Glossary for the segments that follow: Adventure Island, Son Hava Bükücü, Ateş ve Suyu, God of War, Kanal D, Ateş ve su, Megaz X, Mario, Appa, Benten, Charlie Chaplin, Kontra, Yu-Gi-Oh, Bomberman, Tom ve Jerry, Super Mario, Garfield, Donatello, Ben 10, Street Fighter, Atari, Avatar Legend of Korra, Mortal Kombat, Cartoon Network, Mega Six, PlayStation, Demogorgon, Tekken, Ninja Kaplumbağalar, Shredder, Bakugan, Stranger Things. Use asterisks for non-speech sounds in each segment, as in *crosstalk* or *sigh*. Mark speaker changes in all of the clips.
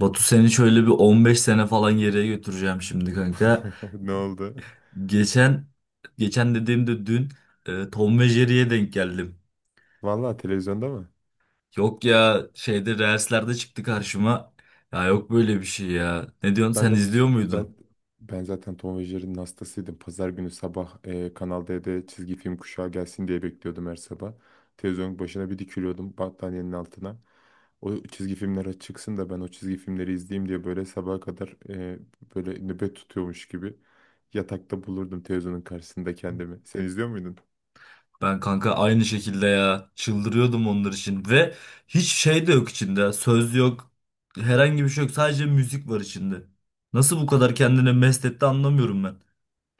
Speaker 1: Batu seni şöyle bir 15 sene falan geriye götüreceğim şimdi kanka.
Speaker 2: *laughs* Ne oldu?
Speaker 1: Geçen geçen dediğimde dün Tom ve Jerry'ye denk geldim.
Speaker 2: Vallahi televizyonda mı?
Speaker 1: Yok ya şeyde Reels'lerde çıktı karşıma. Ya yok böyle bir şey ya. Ne diyorsun
Speaker 2: Ben
Speaker 1: sen
Speaker 2: de bu
Speaker 1: izliyor
Speaker 2: s- ben
Speaker 1: muydun?
Speaker 2: ben zaten Tom ve Jerry'nin hastasıydım. Pazar günü sabah Kanal D'de çizgi film kuşağı gelsin diye bekliyordum her sabah. Televizyonun başına bir dikiliyordum battaniyenin altına. O çizgi filmler çıksın da ben o çizgi filmleri izleyeyim diye böyle sabaha kadar böyle nöbet tutuyormuş gibi yatakta bulurdum televizyonun karşısında kendimi. Sen izliyor muydun?
Speaker 1: Ben kanka aynı şekilde ya çıldırıyordum onlar için ve hiç şey de yok içinde. Söz yok. Herhangi bir şey yok. Sadece müzik var içinde. Nasıl bu kadar kendine mest etti anlamıyorum ben.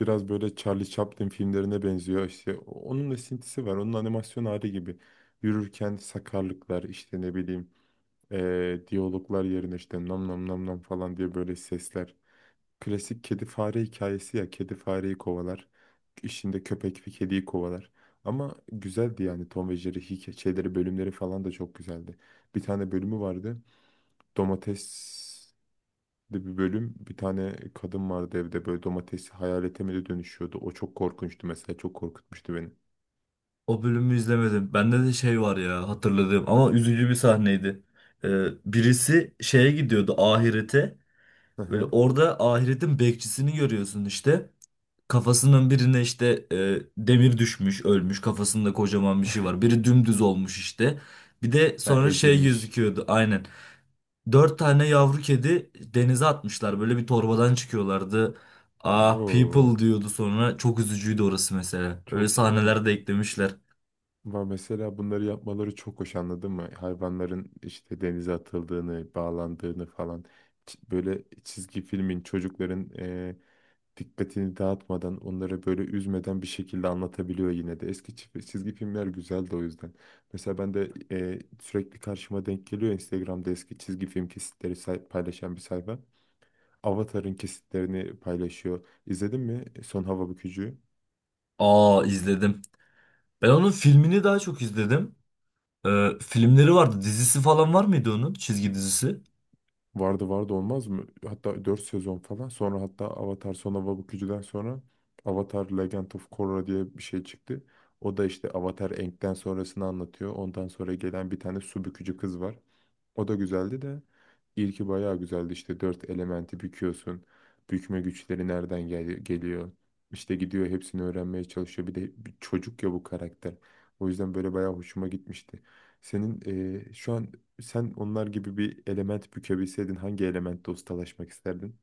Speaker 2: Biraz böyle Charlie Chaplin filmlerine benziyor. İşte onun esintisi var. Onun animasyon hali gibi. Yürürken sakarlıklar işte ne bileyim diyaloglar yerine işte nam nam nam nam falan diye böyle sesler. Klasik kedi fare hikayesi ya. Kedi fareyi kovalar. İşinde köpek bir kediyi kovalar. Ama güzeldi yani Tom ve Jerry hikayeleri bölümleri falan da çok güzeldi. Bir tane bölümü vardı. Domates de bir bölüm bir tane kadın vardı evde böyle domatesi hayalete mi de dönüşüyordu. O çok korkunçtu mesela çok korkutmuştu beni.
Speaker 1: O bölümü izlemedim. Bende de şey var ya hatırladığım ama üzücü bir sahneydi. Birisi şeye gidiyordu ahirete.
Speaker 2: Hı
Speaker 1: Böyle
Speaker 2: hı.
Speaker 1: orada ahiretin bekçisini görüyorsun işte. Kafasının birine işte demir düşmüş, ölmüş. Kafasında kocaman bir şey var. Biri dümdüz olmuş işte. Bir de
Speaker 2: Ha,
Speaker 1: sonra şey
Speaker 2: ezilmiş.
Speaker 1: gözüküyordu aynen. Dört tane yavru kedi denize atmışlar. Böyle bir torbadan çıkıyorlardı. Ah
Speaker 2: Oo,
Speaker 1: people diyordu sonra. Çok üzücüydü orası mesela. Öyle
Speaker 2: çok
Speaker 1: sahneler de eklemişler.
Speaker 2: var mesela bunları yapmaları çok hoş anladın mı? Hayvanların işte denize atıldığını, bağlandığını falan. Böyle çizgi filmin çocukların dikkatini dağıtmadan, onları böyle üzmeden bir şekilde anlatabiliyor yine de. Eski çizgi filmler güzeldi o yüzden. Mesela ben de sürekli karşıma denk geliyor Instagram'da eski çizgi film kesitleri paylaşan bir sayfa. Avatar'ın kesitlerini paylaşıyor. İzledin mi Son Hava Bükücü'yü?
Speaker 1: Aa izledim. Ben onun filmini daha çok izledim. Filmleri vardı. Dizisi falan var mıydı onun? Çizgi dizisi.
Speaker 2: Vardı olmaz mı? Hatta 4 sezon falan. Sonra hatta Avatar Son Hava Bükücü'den sonra Avatar Legend of Korra diye bir şey çıktı. O da işte Avatar Aang'den sonrasını anlatıyor. Ondan sonra gelen bir tane su bükücü kız var. O da güzeldi de ilki bayağı güzeldi işte dört elementi büküyorsun. Bükme güçleri nereden geliyor? İşte gidiyor hepsini öğrenmeye çalışıyor. Bir de bir çocuk ya bu karakter. O yüzden böyle bayağı hoşuma gitmişti. Senin şu an sen onlar gibi bir element bükebilseydin hangi elementte ustalaşmak isterdin?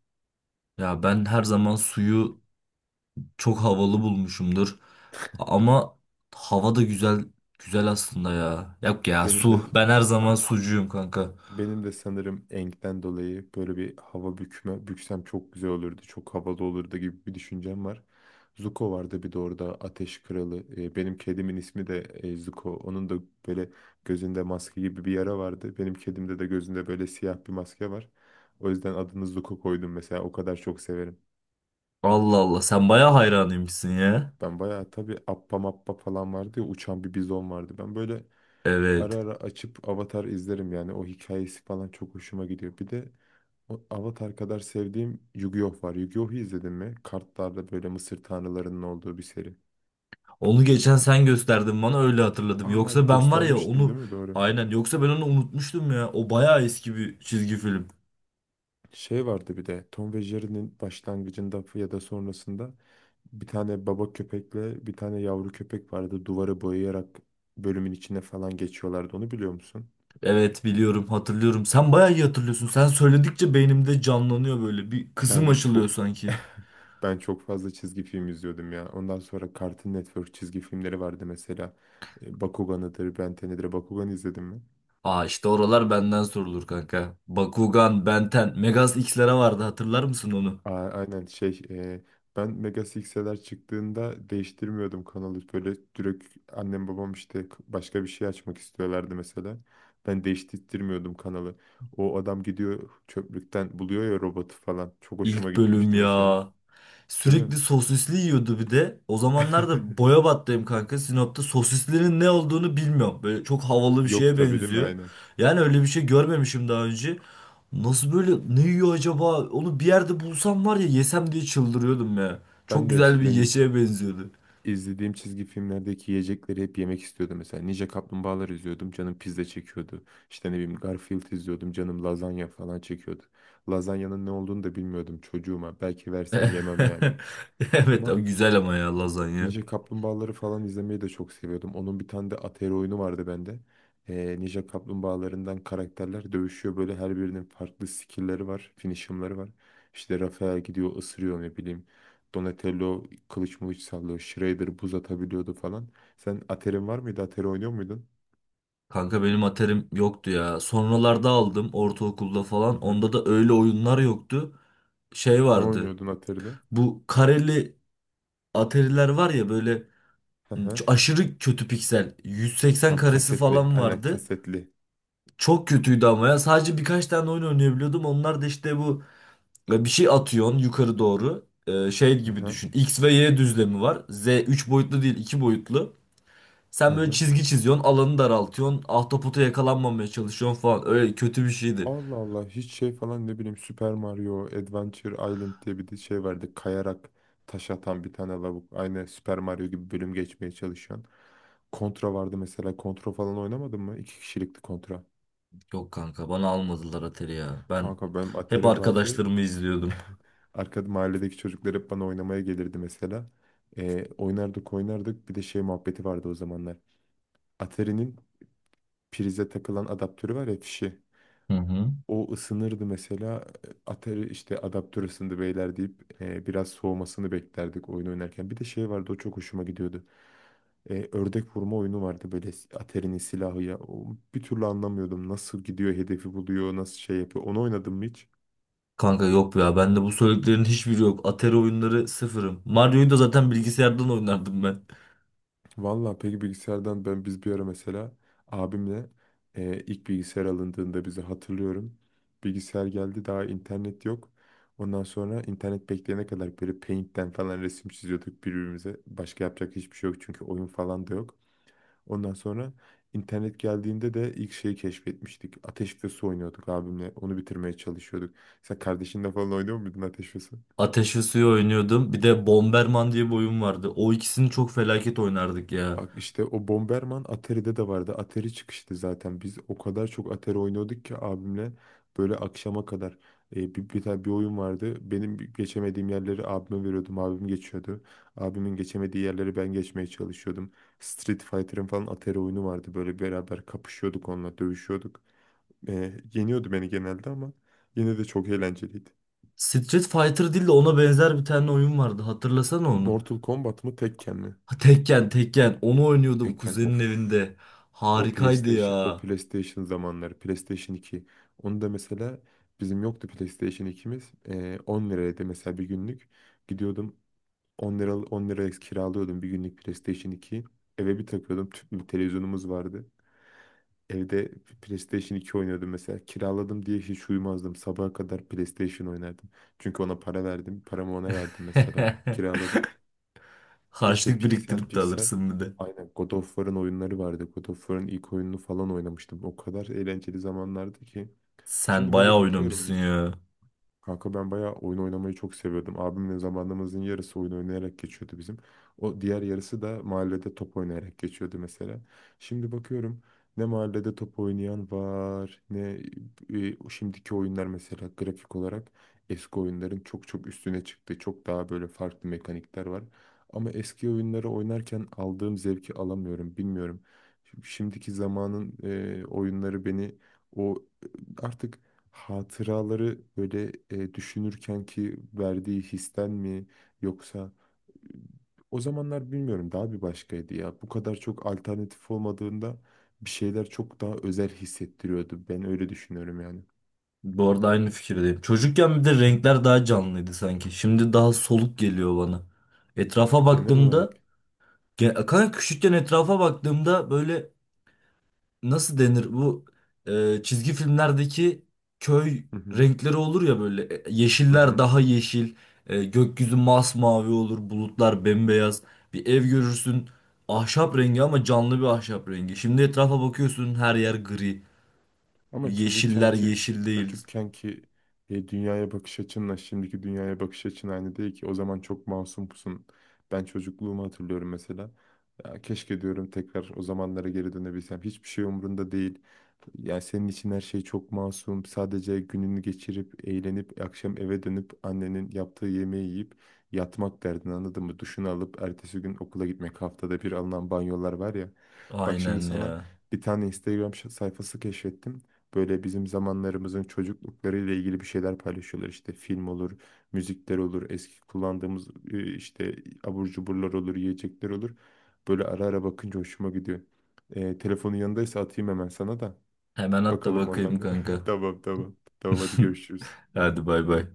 Speaker 1: Ya ben her zaman suyu çok havalı bulmuşumdur. Ama hava da güzel güzel aslında ya. Yok ya
Speaker 2: Benim
Speaker 1: su.
Speaker 2: de
Speaker 1: Ben her zaman sucuyum kanka.
Speaker 2: Benim de sanırım enkten dolayı böyle bir hava bükme, büksem çok güzel olurdu, çok havalı olurdu gibi bir düşüncem var. Zuko vardı bir de orada Ateş Kralı. Benim kedimin ismi de Zuko. Onun da böyle gözünde maske gibi bir yara vardı. Benim kedimde de gözünde böyle siyah bir maske var. O yüzden adını Zuko koydum mesela. O kadar çok severim.
Speaker 1: Allah Allah sen baya hayranıymışsın ya.
Speaker 2: Ben bayağı tabii Appa Mappa falan vardı ya uçan bir bizon vardı. Ben böyle ara
Speaker 1: Evet.
Speaker 2: ara açıp Avatar izlerim yani. O hikayesi falan çok hoşuma gidiyor. Bir de o Avatar kadar sevdiğim Yu-Gi-Oh var. Yu-Gi-Oh'u izledin mi? Kartlarda böyle Mısır tanrılarının olduğu bir seri.
Speaker 1: Onu geçen sen gösterdin bana öyle hatırladım.
Speaker 2: Aa
Speaker 1: Yoksa ben var ya
Speaker 2: göstermiştim
Speaker 1: onu
Speaker 2: değil mi? Doğru.
Speaker 1: aynen, yoksa ben onu unutmuştum ya. O baya eski bir çizgi film.
Speaker 2: Şey vardı bir de Tom ve Jerry'nin başlangıcında ya da sonrasında bir tane baba köpekle bir tane yavru köpek vardı. Duvarı boyayarak bölümün içine falan geçiyorlardı. Onu biliyor musun?
Speaker 1: Evet biliyorum, hatırlıyorum. Sen bayağı iyi hatırlıyorsun. Sen söyledikçe beynimde canlanıyor böyle. Bir kızım
Speaker 2: Ben
Speaker 1: açılıyor
Speaker 2: çok
Speaker 1: sanki.
Speaker 2: *laughs* ben çok fazla çizgi film izliyordum ya. Ondan sonra Cartoon Network çizgi filmleri vardı mesela. Bakugan'ıdır, Ben 10'idir. Bakugan izledin mi?
Speaker 1: Aa işte oralar benden sorulur kanka. Bakugan, Benten, Megaz X'lere vardı, hatırlar mısın onu?
Speaker 2: Aynen şey ben Mega Six'ler çıktığında değiştirmiyordum kanalı böyle direkt annem babam işte başka bir şey açmak istiyorlardı mesela ben değiştirmiyordum kanalı. O adam gidiyor çöplükten buluyor ya robotu falan çok hoşuma
Speaker 1: İlk bölüm
Speaker 2: gitmişti mesela,
Speaker 1: ya.
Speaker 2: değil mi?
Speaker 1: Sürekli sosisli yiyordu bir de. O zamanlar da
Speaker 2: *laughs*
Speaker 1: boya battıyım kanka. Sinop'ta sosislerin ne olduğunu bilmiyorum. Böyle çok havalı bir
Speaker 2: Yok
Speaker 1: şeye
Speaker 2: tabii değil mi,
Speaker 1: benziyor.
Speaker 2: aynen.
Speaker 1: Yani öyle bir şey görmemişim daha önce. Nasıl böyle ne yiyor acaba? Onu bir yerde bulsam var ya yesem diye çıldırıyordum ya. Çok
Speaker 2: Ben de
Speaker 1: güzel bir
Speaker 2: eskiden
Speaker 1: yeşeğe benziyordu.
Speaker 2: İzlediğim çizgi filmlerdeki yiyecekleri hep yemek istiyordum. Mesela Ninja Kaplumbağalar izliyordum, canım pizza çekiyordu. İşte ne bileyim Garfield izliyordum, canım lazanya falan çekiyordu. Lazanyanın ne olduğunu da bilmiyordum çocuğuma. Belki versen yemem yani.
Speaker 1: *laughs* Evet
Speaker 2: Ama
Speaker 1: ama güzel ama ya lazanya.
Speaker 2: Ninja Kaplumbağaları falan izlemeyi de çok seviyordum. Onun bir tane de Atari oyunu vardı bende. Ninja Kaplumbağalarından karakterler dövüşüyor. Böyle her birinin farklı skill'leri var, finisher'ları var. İşte Rafael gidiyor ısırıyor ne bileyim. Donatello kılıç mılıç sallıyor. Shredder buz atabiliyordu falan. Sen Atari'nin var mıydı? Atari oynuyor muydun?
Speaker 1: Kanka benim aterim yoktu ya. Sonralarda aldım ortaokulda
Speaker 2: Hı
Speaker 1: falan.
Speaker 2: hı.
Speaker 1: Onda da öyle oyunlar yoktu. Şey
Speaker 2: Ne
Speaker 1: vardı.
Speaker 2: oynuyordun Atari'de?
Speaker 1: Bu kareli Atari'ler var ya böyle
Speaker 2: Hı hı.
Speaker 1: aşırı kötü piksel. 180
Speaker 2: Tam
Speaker 1: karesi
Speaker 2: kasetli.
Speaker 1: falan
Speaker 2: Aynen
Speaker 1: vardı.
Speaker 2: kasetli.
Speaker 1: Çok kötüydü ama ya. Sadece birkaç tane oyun oynayabiliyordum. Onlar da işte bu bir şey atıyorsun yukarı doğru. E, şey
Speaker 2: Hı
Speaker 1: gibi
Speaker 2: hı.
Speaker 1: düşün. X ve Y düzlemi var. Z 3 boyutlu değil, 2 boyutlu.
Speaker 2: Hı
Speaker 1: Sen böyle
Speaker 2: hı.
Speaker 1: çizgi çiziyorsun, alanı daraltıyorsun, ahtapota yakalanmamaya çalışıyorsun falan. Öyle kötü bir şeydi.
Speaker 2: Allah Allah hiç şey falan ne bileyim Super Mario Adventure Island diye bir de şey vardı. Kayarak taş atan bir tane lavuk. Aynı Super Mario gibi bölüm geçmeye çalışıyorsun. Kontra vardı mesela. Kontra falan oynamadın mı? İki kişilikti kontra.
Speaker 1: Yok kanka bana almadılar Atari ya. Ben
Speaker 2: Kanka benim
Speaker 1: hep
Speaker 2: Atari'm vardı.
Speaker 1: arkadaşlarımı izliyordum.
Speaker 2: Arkada mahalledeki çocuklar hep bana oynamaya gelirdi mesela. Oynardık. Bir de şey muhabbeti vardı o zamanlar. Atari'nin prize takılan adaptörü var ya fişi.
Speaker 1: Hı hı.
Speaker 2: O ısınırdı mesela. Atari işte adaptör ısındı beyler deyip biraz soğumasını beklerdik oyun oynarken. Bir de şey vardı o çok hoşuma gidiyordu. Ördek vurma oyunu vardı böyle Atari'nin silahı ya. O, bir türlü anlamıyordum nasıl gidiyor hedefi buluyor nasıl şey yapıyor. Onu oynadım mı hiç?
Speaker 1: Kanka yok ya bende bu söylediklerin hiçbiri yok. Atari oyunları sıfırım. Mario'yu da zaten bilgisayardan oynardım ben.
Speaker 2: Vallahi peki bilgisayardan ben biz bir ara mesela abimle ilk bilgisayar alındığında bizi hatırlıyorum. Bilgisayar geldi daha internet yok. Ondan sonra internet bekleyene kadar böyle Paint'ten falan resim çiziyorduk birbirimize. Başka yapacak hiçbir şey yok çünkü oyun falan da yok. Ondan sonra internet geldiğinde de ilk şeyi keşfetmiştik. Ateş ve su oynuyorduk abimle. Onu bitirmeye çalışıyorduk. Sen kardeşinle falan oynuyor muydun Ateş ve su?
Speaker 1: Ateş ve Suyu oynuyordum. Bir de Bomberman diye bir oyun vardı. O ikisini çok felaket oynardık ya.
Speaker 2: Bak işte o Bomberman Atari'de de vardı. Atari çıkıştı zaten. Biz o kadar çok Atari oynuyorduk ki abimle böyle akşama kadar. Bir tane bir oyun vardı. Benim geçemediğim yerleri abime veriyordum. Abim geçiyordu. Abimin geçemediği yerleri ben geçmeye çalışıyordum. Street Fighter'ın falan Atari oyunu vardı. Böyle beraber kapışıyorduk onunla, dövüşüyorduk. E, Yeniyordu beni genelde ama yine de çok eğlenceliydi.
Speaker 1: Street Fighter değil de ona benzer bir tane oyun vardı. Hatırlasana onu.
Speaker 2: Mortal Kombat mı Tekken mi?
Speaker 1: Ha, Tekken onu oynuyordum
Speaker 2: Tekken
Speaker 1: kuzenin
Speaker 2: of.
Speaker 1: evinde.
Speaker 2: O
Speaker 1: Harikaydı
Speaker 2: PlayStation, o
Speaker 1: ya.
Speaker 2: PlayStation zamanları, PlayStation iki. Onu da mesela bizim yoktu PlayStation ikimiz. 10 liraydı mesela bir günlük. Gidiyordum 10 lira 10 liraya kiralıyordum bir günlük PlayStation 2'yi. Eve bir takıyordum. Tüplü bir televizyonumuz vardı. Evde PlayStation iki oynuyordum mesela. Kiraladım diye hiç uyumazdım. Sabaha kadar PlayStation oynardım. Çünkü ona para verdim. Paramı ona verdim mesela.
Speaker 1: *laughs*
Speaker 2: Kiraladım. Bir de şey
Speaker 1: Harçlık
Speaker 2: piksel
Speaker 1: biriktirip de
Speaker 2: piksel.
Speaker 1: alırsın bir de.
Speaker 2: Aynen God of War'ın oyunları vardı. God of War'ın ilk oyununu falan oynamıştım. O kadar eğlenceli zamanlardı ki.
Speaker 1: Sen
Speaker 2: Şimdi
Speaker 1: bayağı
Speaker 2: böyle bakıyorum.
Speaker 1: oynamışsın ya.
Speaker 2: Kanka ben bayağı oyun oynamayı çok seviyordum. Abimle zamanımızın yarısı oyun oynayarak geçiyordu bizim. O diğer yarısı da mahallede top oynayarak geçiyordu mesela. Şimdi bakıyorum ne mahallede top oynayan var ne şimdiki oyunlar mesela grafik olarak eski oyunların çok çok üstüne çıktı. Çok daha böyle farklı mekanikler var. Ama eski oyunları oynarken aldığım zevki alamıyorum bilmiyorum. Şimdiki zamanın oyunları beni o e, artık hatıraları böyle düşünürken ki verdiği histen mi yoksa e, o zamanlar bilmiyorum daha bir başkaydı ya. Bu kadar çok alternatif olmadığında bir şeyler çok daha özel hissettiriyordu. Ben öyle düşünüyorum yani.
Speaker 1: Bu arada aynı fikirdeyim. Çocukken bir de renkler daha canlıydı sanki. Şimdi daha soluk geliyor bana. Etrafa
Speaker 2: Genel olarak.
Speaker 1: baktığımda, kanka küçükken etrafa baktığımda böyle nasıl denir bu çizgi filmlerdeki köy
Speaker 2: Hı hı.
Speaker 1: renkleri olur ya böyle. E,
Speaker 2: Hı
Speaker 1: yeşiller
Speaker 2: hı.
Speaker 1: daha yeşil, gökyüzü masmavi olur, bulutlar bembeyaz. Bir ev görürsün, ahşap rengi ama canlı bir ahşap rengi. Şimdi etrafa bakıyorsun her yer gri,
Speaker 2: Ama
Speaker 1: yeşiller
Speaker 2: çocukkenki
Speaker 1: yeşil değil.
Speaker 2: çocukkenki dünyaya bakış açınla şimdiki dünyaya bakış açın aynı değil ki. O zaman çok masum pusun. Ben çocukluğumu hatırlıyorum mesela. Ya, keşke diyorum tekrar o zamanlara geri dönebilsem. Hiçbir şey umurunda değil. Yani senin için her şey çok masum. Sadece gününü geçirip, eğlenip, akşam eve dönüp annenin yaptığı yemeği yiyip yatmak derdin anladın mı? Duşunu alıp ertesi gün okula gitmek. Haftada bir alınan banyolar var ya. Bak şimdi
Speaker 1: Aynen
Speaker 2: sana
Speaker 1: ya.
Speaker 2: bir tane Instagram sayfası keşfettim. Böyle bizim zamanlarımızın çocukluklarıyla ilgili bir şeyler paylaşıyorlar. İşte film olur, müzikler olur, eski kullandığımız işte abur cuburlar olur, yiyecekler olur. Böyle ara ara bakınca hoşuma gidiyor. Telefonun yanındaysa atayım hemen sana da.
Speaker 1: Hemen at da
Speaker 2: Bakalım
Speaker 1: bakayım
Speaker 2: oradan bir.
Speaker 1: kanka.
Speaker 2: *laughs* Tamam. Tamam hadi
Speaker 1: *laughs*
Speaker 2: görüşürüz.
Speaker 1: Hadi bay bay.